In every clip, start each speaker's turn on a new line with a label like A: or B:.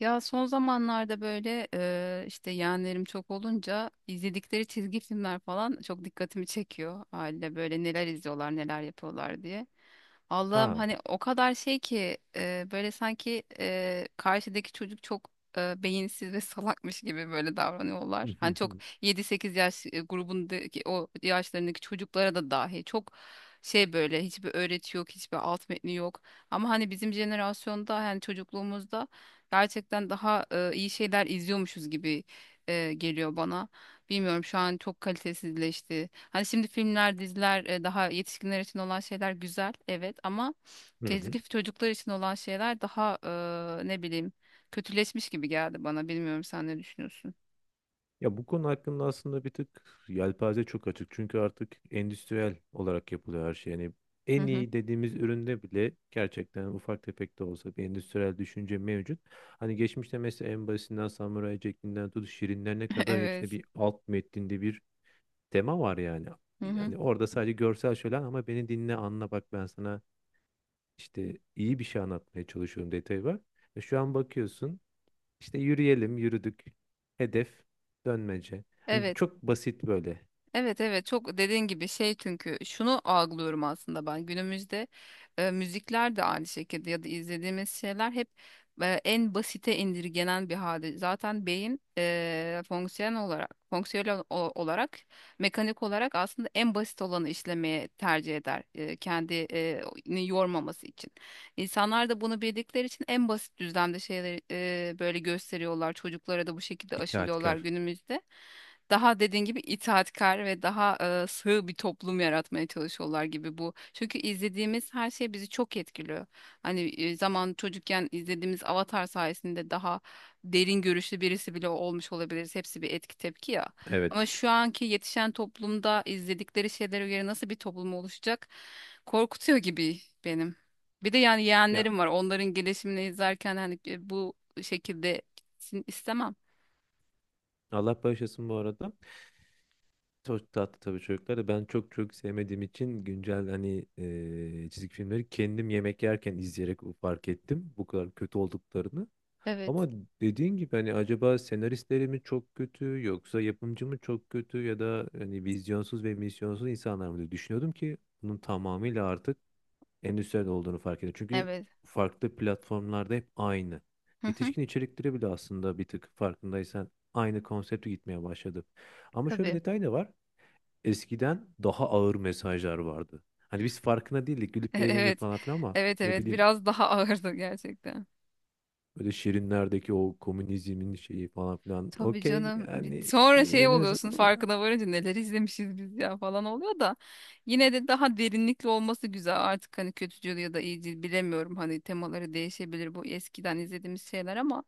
A: Ya son zamanlarda böyle işte yeğenlerim çok olunca izledikleri çizgi filmler falan çok dikkatimi çekiyor. Aile böyle neler izliyorlar, neler yapıyorlar diye. Allah'ım,
B: Ha.
A: hani o kadar şey ki böyle sanki karşıdaki çocuk çok beyinsiz ve salakmış gibi böyle davranıyorlar. Hani çok 7-8 yaş grubundaki o yaşlarındaki çocuklara da dahi çok şey, böyle hiçbir öğreti yok, hiçbir alt metni yok. Ama hani bizim jenerasyonda, yani çocukluğumuzda gerçekten daha iyi şeyler izliyormuşuz gibi geliyor bana. Bilmiyorum, şu an çok kalitesizleşti. Hani şimdi filmler, diziler, daha yetişkinler için olan şeyler güzel, evet, ama
B: Hı hı.
A: tezgif çocuklar için olan şeyler daha, ne bileyim, kötüleşmiş gibi geldi bana. Bilmiyorum, sen ne düşünüyorsun?
B: Ya bu konu hakkında aslında bir tık yelpaze çok açık. Çünkü artık endüstriyel olarak yapılıyor her şey. Yani
A: Hı
B: en
A: hı.
B: iyi dediğimiz üründe bile gerçekten ufak tefek de olsa bir endüstriyel düşünce mevcut. Hani geçmişte mesela en basitinden Samuray Jack'inden tut Şirinlerine kadar
A: Evet.
B: hepsinde bir alt metninde bir tema var yani.
A: Hı hı.
B: Yani orada sadece görsel şölen ama beni dinle anla bak ben sana işte iyi bir şey anlatmaya çalışıyorum detayı var. E şu an bakıyorsun, İşte yürüyelim, yürüdük. Hedef dönmece. Hani
A: Evet.
B: çok basit böyle.
A: Evet evet, çok dediğin gibi şey, çünkü şunu algılıyorum aslında, ben günümüzde müzikler de aynı şekilde ya da izlediğimiz şeyler hep en basite indirgenen bir halde. Zaten beyin fonksiyon olarak, fonksiyonel olarak, mekanik olarak aslında en basit olanı işlemeye tercih eder, kendini yormaması için. İnsanlar da bunu bildikleri için en basit düzlemde şeyleri böyle gösteriyorlar. Çocuklara da bu şekilde aşılıyorlar
B: İtaatkar.
A: günümüzde. Daha dediğin gibi itaatkar ve daha sığ bir toplum yaratmaya çalışıyorlar gibi bu. Çünkü izlediğimiz her şey bizi çok etkiliyor. Hani zaman çocukken izlediğimiz Avatar sayesinde daha derin görüşlü birisi bile olmuş olabiliriz. Hepsi bir etki tepki ya. Ama
B: Evet.
A: şu anki yetişen toplumda izledikleri şeylere göre nasıl bir toplum oluşacak, korkutuyor gibi benim. Bir de yani,
B: Ya
A: yeğenlerim var. Onların gelişimini izlerken hani bu şekilde istemem.
B: Allah bağışlasın bu arada. Çok tatlı tabii çocuklar da ben çok çok sevmediğim için güncel hani çizgi filmleri kendim yemek yerken izleyerek fark ettim bu kadar kötü olduklarını.
A: Evet.
B: Ama dediğin gibi hani acaba senaristleri mi çok kötü yoksa yapımcı mı çok kötü ya da hani vizyonsuz ve misyonsuz insanlar mı diye düşünüyordum ki bunun tamamıyla artık endüstriyel olduğunu fark ediyor. Çünkü
A: Evet.
B: farklı platformlarda hep aynı.
A: Hı hı.
B: Yetişkin içerikleri bile aslında bir tık farkındaysan aynı konsepte gitmeye başladı. Ama şöyle bir
A: Tabii.
B: detay da var. Eskiden daha ağır mesajlar vardı. Hani biz farkına değildik, gülüp eğleniyorduk
A: Evet.
B: falan filan ama
A: Evet
B: ne
A: evet.
B: bileyim
A: Biraz daha ağırdı gerçekten.
B: böyle şirinlerdeki o komünizmin şeyi falan filan.
A: Tabii
B: Okey
A: canım.
B: yani
A: Sonra şey
B: eğleniriz
A: oluyorsun,
B: ama...
A: farkına varınca neler izlemişiz biz ya falan oluyor, da yine de daha derinlikli olması güzel. Artık hani kötücül ya da iyicil bilemiyorum. Hani temaları değişebilir bu eskiden izlediğimiz şeyler, ama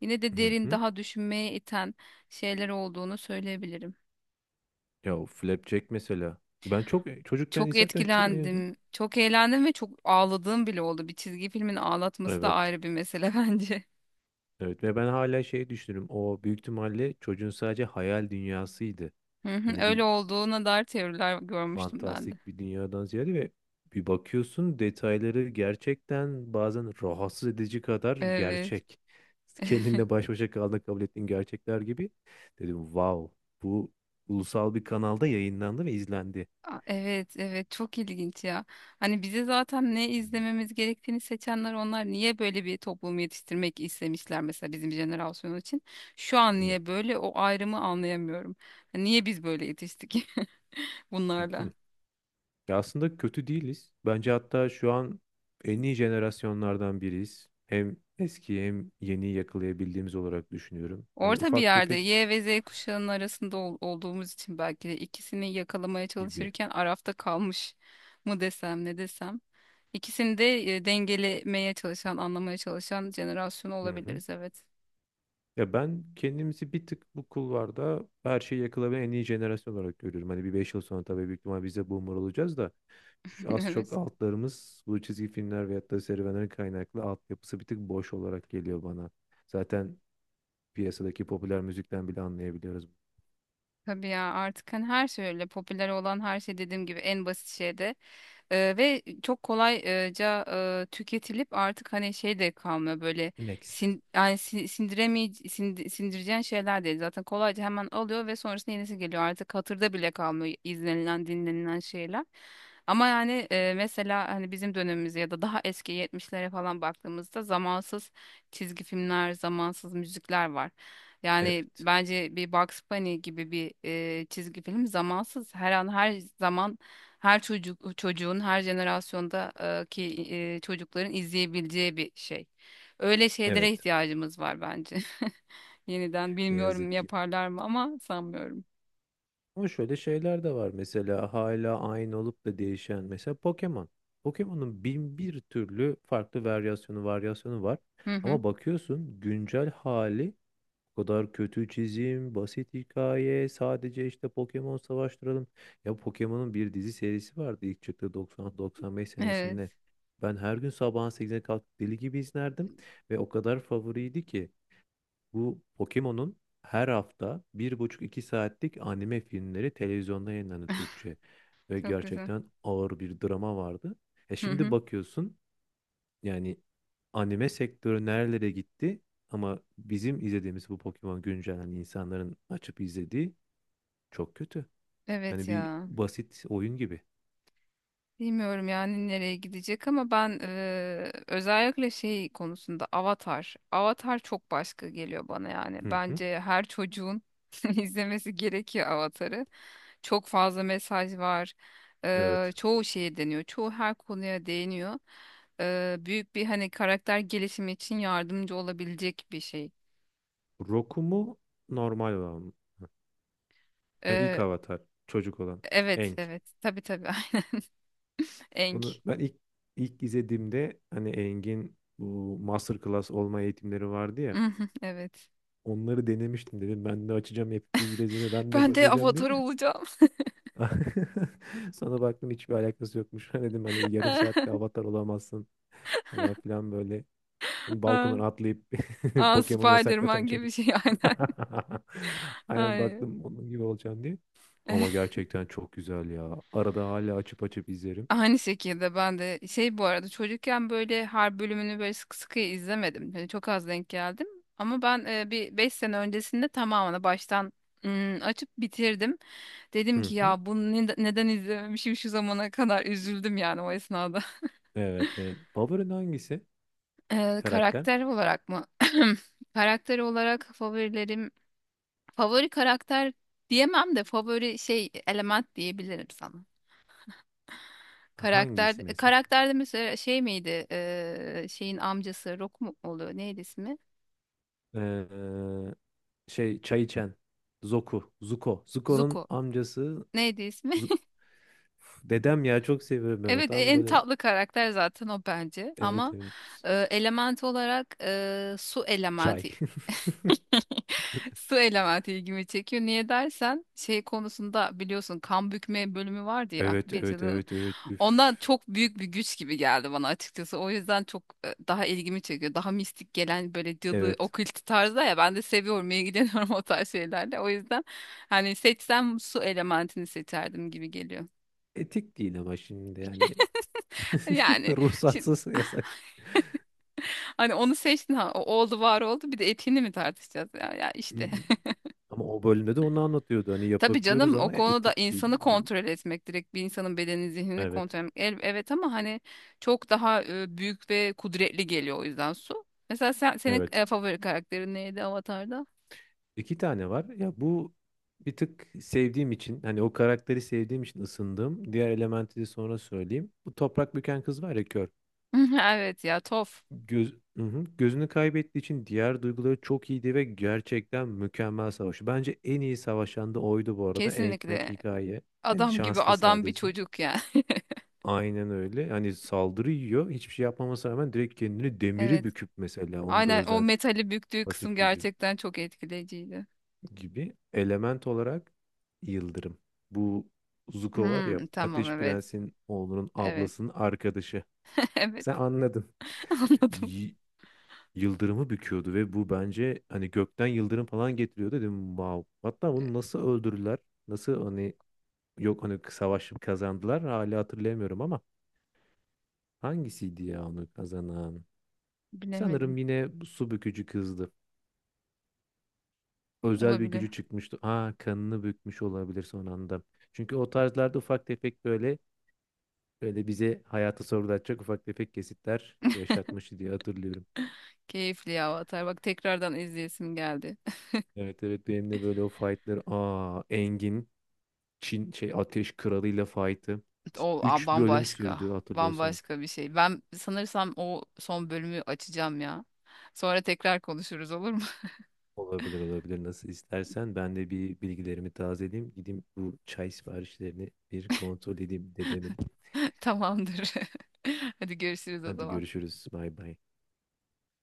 A: yine de
B: Hı
A: derin,
B: hı.
A: daha düşünmeye iten şeyler olduğunu söyleyebilirim.
B: Ya o Flapjack mesela. Ben çok çocukken
A: Çok
B: izlerken çok eğlendim.
A: etkilendim, çok eğlendim ve çok ağladığım bile oldu. Bir çizgi filmin ağlatması da
B: Evet.
A: ayrı bir mesele bence.
B: Evet ve ben hala şey düşünürüm. O büyük ihtimalle çocuğun sadece hayal dünyasıydı.
A: Hı hı.
B: Hani bir
A: Öyle olduğuna dair teoriler görmüştüm ben de.
B: fantastik bir dünyadan ziyade ve bir bakıyorsun detayları gerçekten bazen rahatsız edici kadar
A: Evet.
B: gerçek. Kendinle baş başa kaldığında kabul ettiğin gerçekler gibi. Dedim wow, bu ulusal bir kanalda yayınlandı ve izlendi.
A: A- evet, evet, çok ilginç ya. Hani bize zaten ne izlememiz gerektiğini seçenler, onlar niye böyle bir toplumu yetiştirmek istemişler mesela bizim jenerasyon için. Şu an
B: Değil mi?
A: niye böyle, o ayrımı anlayamıyorum. Niye biz böyle yetiştik bunlarla?
B: Ya aslında kötü değiliz. Bence hatta şu an en iyi jenerasyonlardan biriyiz. Hem eski hem yeniyi yakalayabildiğimiz olarak düşünüyorum. Hani
A: Orta bir
B: ufak
A: yerde
B: tefek
A: Y ve Z kuşağının arasında olduğumuz için belki de, ikisini yakalamaya
B: gibi.
A: çalışırken arafta kalmış mı desem, ne desem. İkisini de dengelemeye çalışan, anlamaya çalışan jenerasyon
B: Hı hı.
A: olabiliriz, evet.
B: Ya ben kendimizi bir tık bu kulvarda her şeyi yakalayan en iyi jenerasyon olarak görüyorum. Hani bir 5 yıl sonra tabii büyük ihtimal biz de boomer olacağız da şu az çok
A: Evet.
B: altlarımız bu çizgi filmler veyahut da serüvenlerin kaynaklı altyapısı bir tık boş olarak geliyor bana. Zaten piyasadaki popüler müzikten bile anlayabiliyoruz.
A: Tabii ya, artık hani her şey öyle, popüler olan her şey dediğim gibi en basit şeyde. Ve çok kolayca tüketilip artık hani şey de kalmıyor böyle,
B: Next.
A: yani sindireceğin şeyler değil. Zaten kolayca hemen alıyor ve sonrasında yenisi geliyor. Artık hatırda bile kalmıyor izlenilen, dinlenilen şeyler. Ama yani mesela hani bizim dönemimize ya da daha eski 70'lere falan baktığımızda zamansız çizgi filmler, zamansız müzikler var. Yani
B: Evet.
A: bence bir Bugs Bunny gibi bir çizgi film zamansız. Her an, her zaman, her çocuğun her jenerasyonda ki çocukların izleyebileceği bir şey. Öyle şeylere
B: Evet.
A: ihtiyacımız var bence. Yeniden
B: Ne
A: bilmiyorum
B: yazık ki.
A: yaparlar mı, ama sanmıyorum.
B: Ama şöyle şeyler de var. Mesela hala aynı olup da değişen. Mesela Pokemon. Pokemon'un bin bir türlü farklı varyasyonu var.
A: Hı hı.
B: Ama bakıyorsun güncel hali o kadar kötü çizim, basit hikaye, sadece işte Pokemon savaştıralım. Ya Pokemon'un bir dizi serisi vardı ilk çıktığı 90-95 senesi mi
A: Evet.
B: ne? Ben her gün sabahın 8'e kalkıp deli gibi izlerdim ve o kadar favoriydi ki. Bu Pokemon'un her hafta bir buçuk 2 saatlik anime filmleri televizyonda yayınlandı Türkçe. Ve
A: Çok güzel.
B: gerçekten ağır bir drama vardı. E
A: Hı
B: şimdi
A: hı.
B: bakıyorsun yani anime sektörü nerelere gitti ama bizim izlediğimiz bu Pokemon güncelen insanların açıp izlediği çok kötü. Yani
A: Evet
B: bir
A: ya.
B: basit oyun gibi.
A: Bilmiyorum yani nereye gidecek, ama ben özellikle şey konusunda, Avatar. Avatar çok başka geliyor bana yani.
B: Hı hı.
A: Bence her çocuğun izlemesi gerekiyor Avatar'ı. Çok fazla mesaj var.
B: Evet.
A: Çoğu şeye deniyor. Çoğu her konuya değiniyor. Büyük bir hani karakter gelişimi için yardımcı olabilecek bir şey.
B: Roku mu normal olan mı? Yani ilk
A: Eee,
B: avatar çocuk olan.
A: evet
B: Aang.
A: evet, tabii tabii, aynen. Aang.
B: Onu ben ilk izlediğimde hani Engin bu masterclass olma eğitimleri vardı ya.
A: Evet.
B: Onları denemiştim dedim. Ben de açacağım hep biz bezimi ben de
A: Ben de
B: bakacağım diye.
A: Avatar olacağım.
B: Sonra baktım hiçbir alakası yokmuş. Dedim hani yarım saatte avatar olamazsın falan filan böyle. Hani balkondan atlayıp...
A: Aa,
B: Pokemon'u yasaklatan
A: Spider-Man gibi
B: çocuk.
A: şey, aynen.
B: Aynen
A: Ay.
B: baktım onun gibi olacağım diye. Ama gerçekten çok güzel ya. Arada hala açıp açıp izlerim.
A: Aynı şekilde ben de şey, bu arada çocukken böyle her bölümünü böyle sıkı sıkı izlemedim. Hani çok az denk geldim. Ama ben bir 5 sene öncesinde tamamını baştan, açıp bitirdim. Dedim
B: Hı
A: ki
B: hı.
A: ya bunu neden izlememişim şu zamana kadar, üzüldüm yani o esnada.
B: Evet evet. Favorin hangisi? Karakter.
A: Karakter olarak mı? Karakter olarak favorilerim, favori karakter diyemem de, favori şey element diyebilirim sana. Karakter
B: Hangisi
A: e,
B: mesela?
A: karakterde mesela şey miydi? Şeyin amcası Roku mu oluyor? Neydi ismi?
B: Ee, Şey çay içen. Zoku. Zuko. Zuko'nun
A: Zuko.
B: amcası.
A: Neydi ismi?
B: Zu- Uf, dedem ya çok seviyorum ben onu.
A: Evet,
B: Tam
A: en
B: böyle.
A: tatlı karakter zaten o bence
B: Evet
A: ama,
B: evet.
A: element olarak su
B: Çay.
A: elementi. Su elementi ilgimi çekiyor. Niye dersen, şey konusunda biliyorsun, kan bükme bölümü vardı ya
B: Evet
A: bir
B: evet
A: cadının.
B: evet evet. Üf.
A: Ondan çok büyük bir güç gibi geldi bana açıkçası. O yüzden çok daha ilgimi çekiyor. Daha mistik gelen, böyle cadı,
B: Evet.
A: okült tarzda ya, ben de seviyorum, ilgileniyorum o tarz şeylerle. O yüzden hani seçsem su elementini seçerdim gibi geliyor.
B: Etik değil ama şimdi yani.
A: Yani şimdi
B: Ruhsatsız yasak.
A: hani onu seçtin, ha, o oldu, var oldu, bir de etiğini mi tartışacağız ya, ya işte.
B: Hmm. Ama o bölümde de onu anlatıyordu. Hani
A: Tabii
B: yapabiliyoruz
A: canım, o
B: ama
A: konuda
B: etik
A: insanı
B: değil diye.
A: kontrol etmek, direkt bir insanın bedenini, zihnini
B: Evet.
A: kontrol etmek, evet, ama hani çok daha büyük ve kudretli geliyor, o yüzden su. Mesela sen, senin
B: Evet.
A: favori karakterin neydi Avatar'da?
B: 2 tane var. Ya bu bir tık sevdiğim için hani o karakteri sevdiğim için ısındığım diğer elementi de sonra söyleyeyim. Bu toprak büken kız var ya kör.
A: Evet ya, Toph
B: Göz, hı hı. Gözünü kaybettiği için diğer duyguları çok iyiydi ve gerçekten mükemmel savaşı. Bence en iyi savaşan da oydu bu arada. Ekmek
A: kesinlikle
B: hikaye. Yani
A: adam gibi
B: şanslı
A: adam bir
B: sadece.
A: çocuk ya.
B: Aynen öyle. Hani saldırı yiyor. Hiçbir şey yapmamasına rağmen direkt kendini demiri
A: Evet,
B: büküp mesela. Onun da
A: aynen, o
B: özel
A: metali büktüğü kısım
B: pasif gücü.
A: gerçekten çok etkileyiciydi.
B: Gibi element olarak yıldırım. Bu Zuko var ya
A: Hmm, tamam,
B: Ateş
A: evet
B: Prens'in oğlunun
A: evet,
B: ablasının arkadaşı.
A: evet,
B: Sen anladın.
A: anladım,
B: Y- Yıldırımı büküyordu ve bu bence hani gökten yıldırım falan getiriyordu dedim wow. Hatta bunu nasıl öldürdüler? Nasıl hani yok hani savaş kazandılar hala hatırlayamıyorum ama hangisiydi ya onu kazanan? Sanırım
A: bilemedim,
B: yine su bükücü kızdı. Özel bir
A: olabilir.
B: gücü çıkmıştı. Aa kanını bükmüş olabilir son anda. Çünkü o tarzlarda ufak tefek böyle böyle bize hayatı sorgulatacak ufak tefek kesitler yaşatmıştı diye hatırlıyorum.
A: Keyifli ya Avatar, bak tekrardan izleyesim geldi.
B: Evet evet benim de böyle o fightları, aa Engin, Çin şey Ateş Kralı'yla fight'ı
A: O
B: 3 bölüm
A: bambaşka.
B: sürdü hatırlıyorsan.
A: Bambaşka bir şey. Ben sanırsam o son bölümü açacağım ya. Sonra tekrar konuşuruz, olur mu?
B: Olabilir olabilir nasıl istersen ben de bir bilgilerimi tazeleyeyim gideyim bu çay siparişlerini bir kontrol edeyim dedemin.
A: Tamamdır. Hadi görüşürüz o
B: Hadi
A: zaman.
B: görüşürüz bay bay.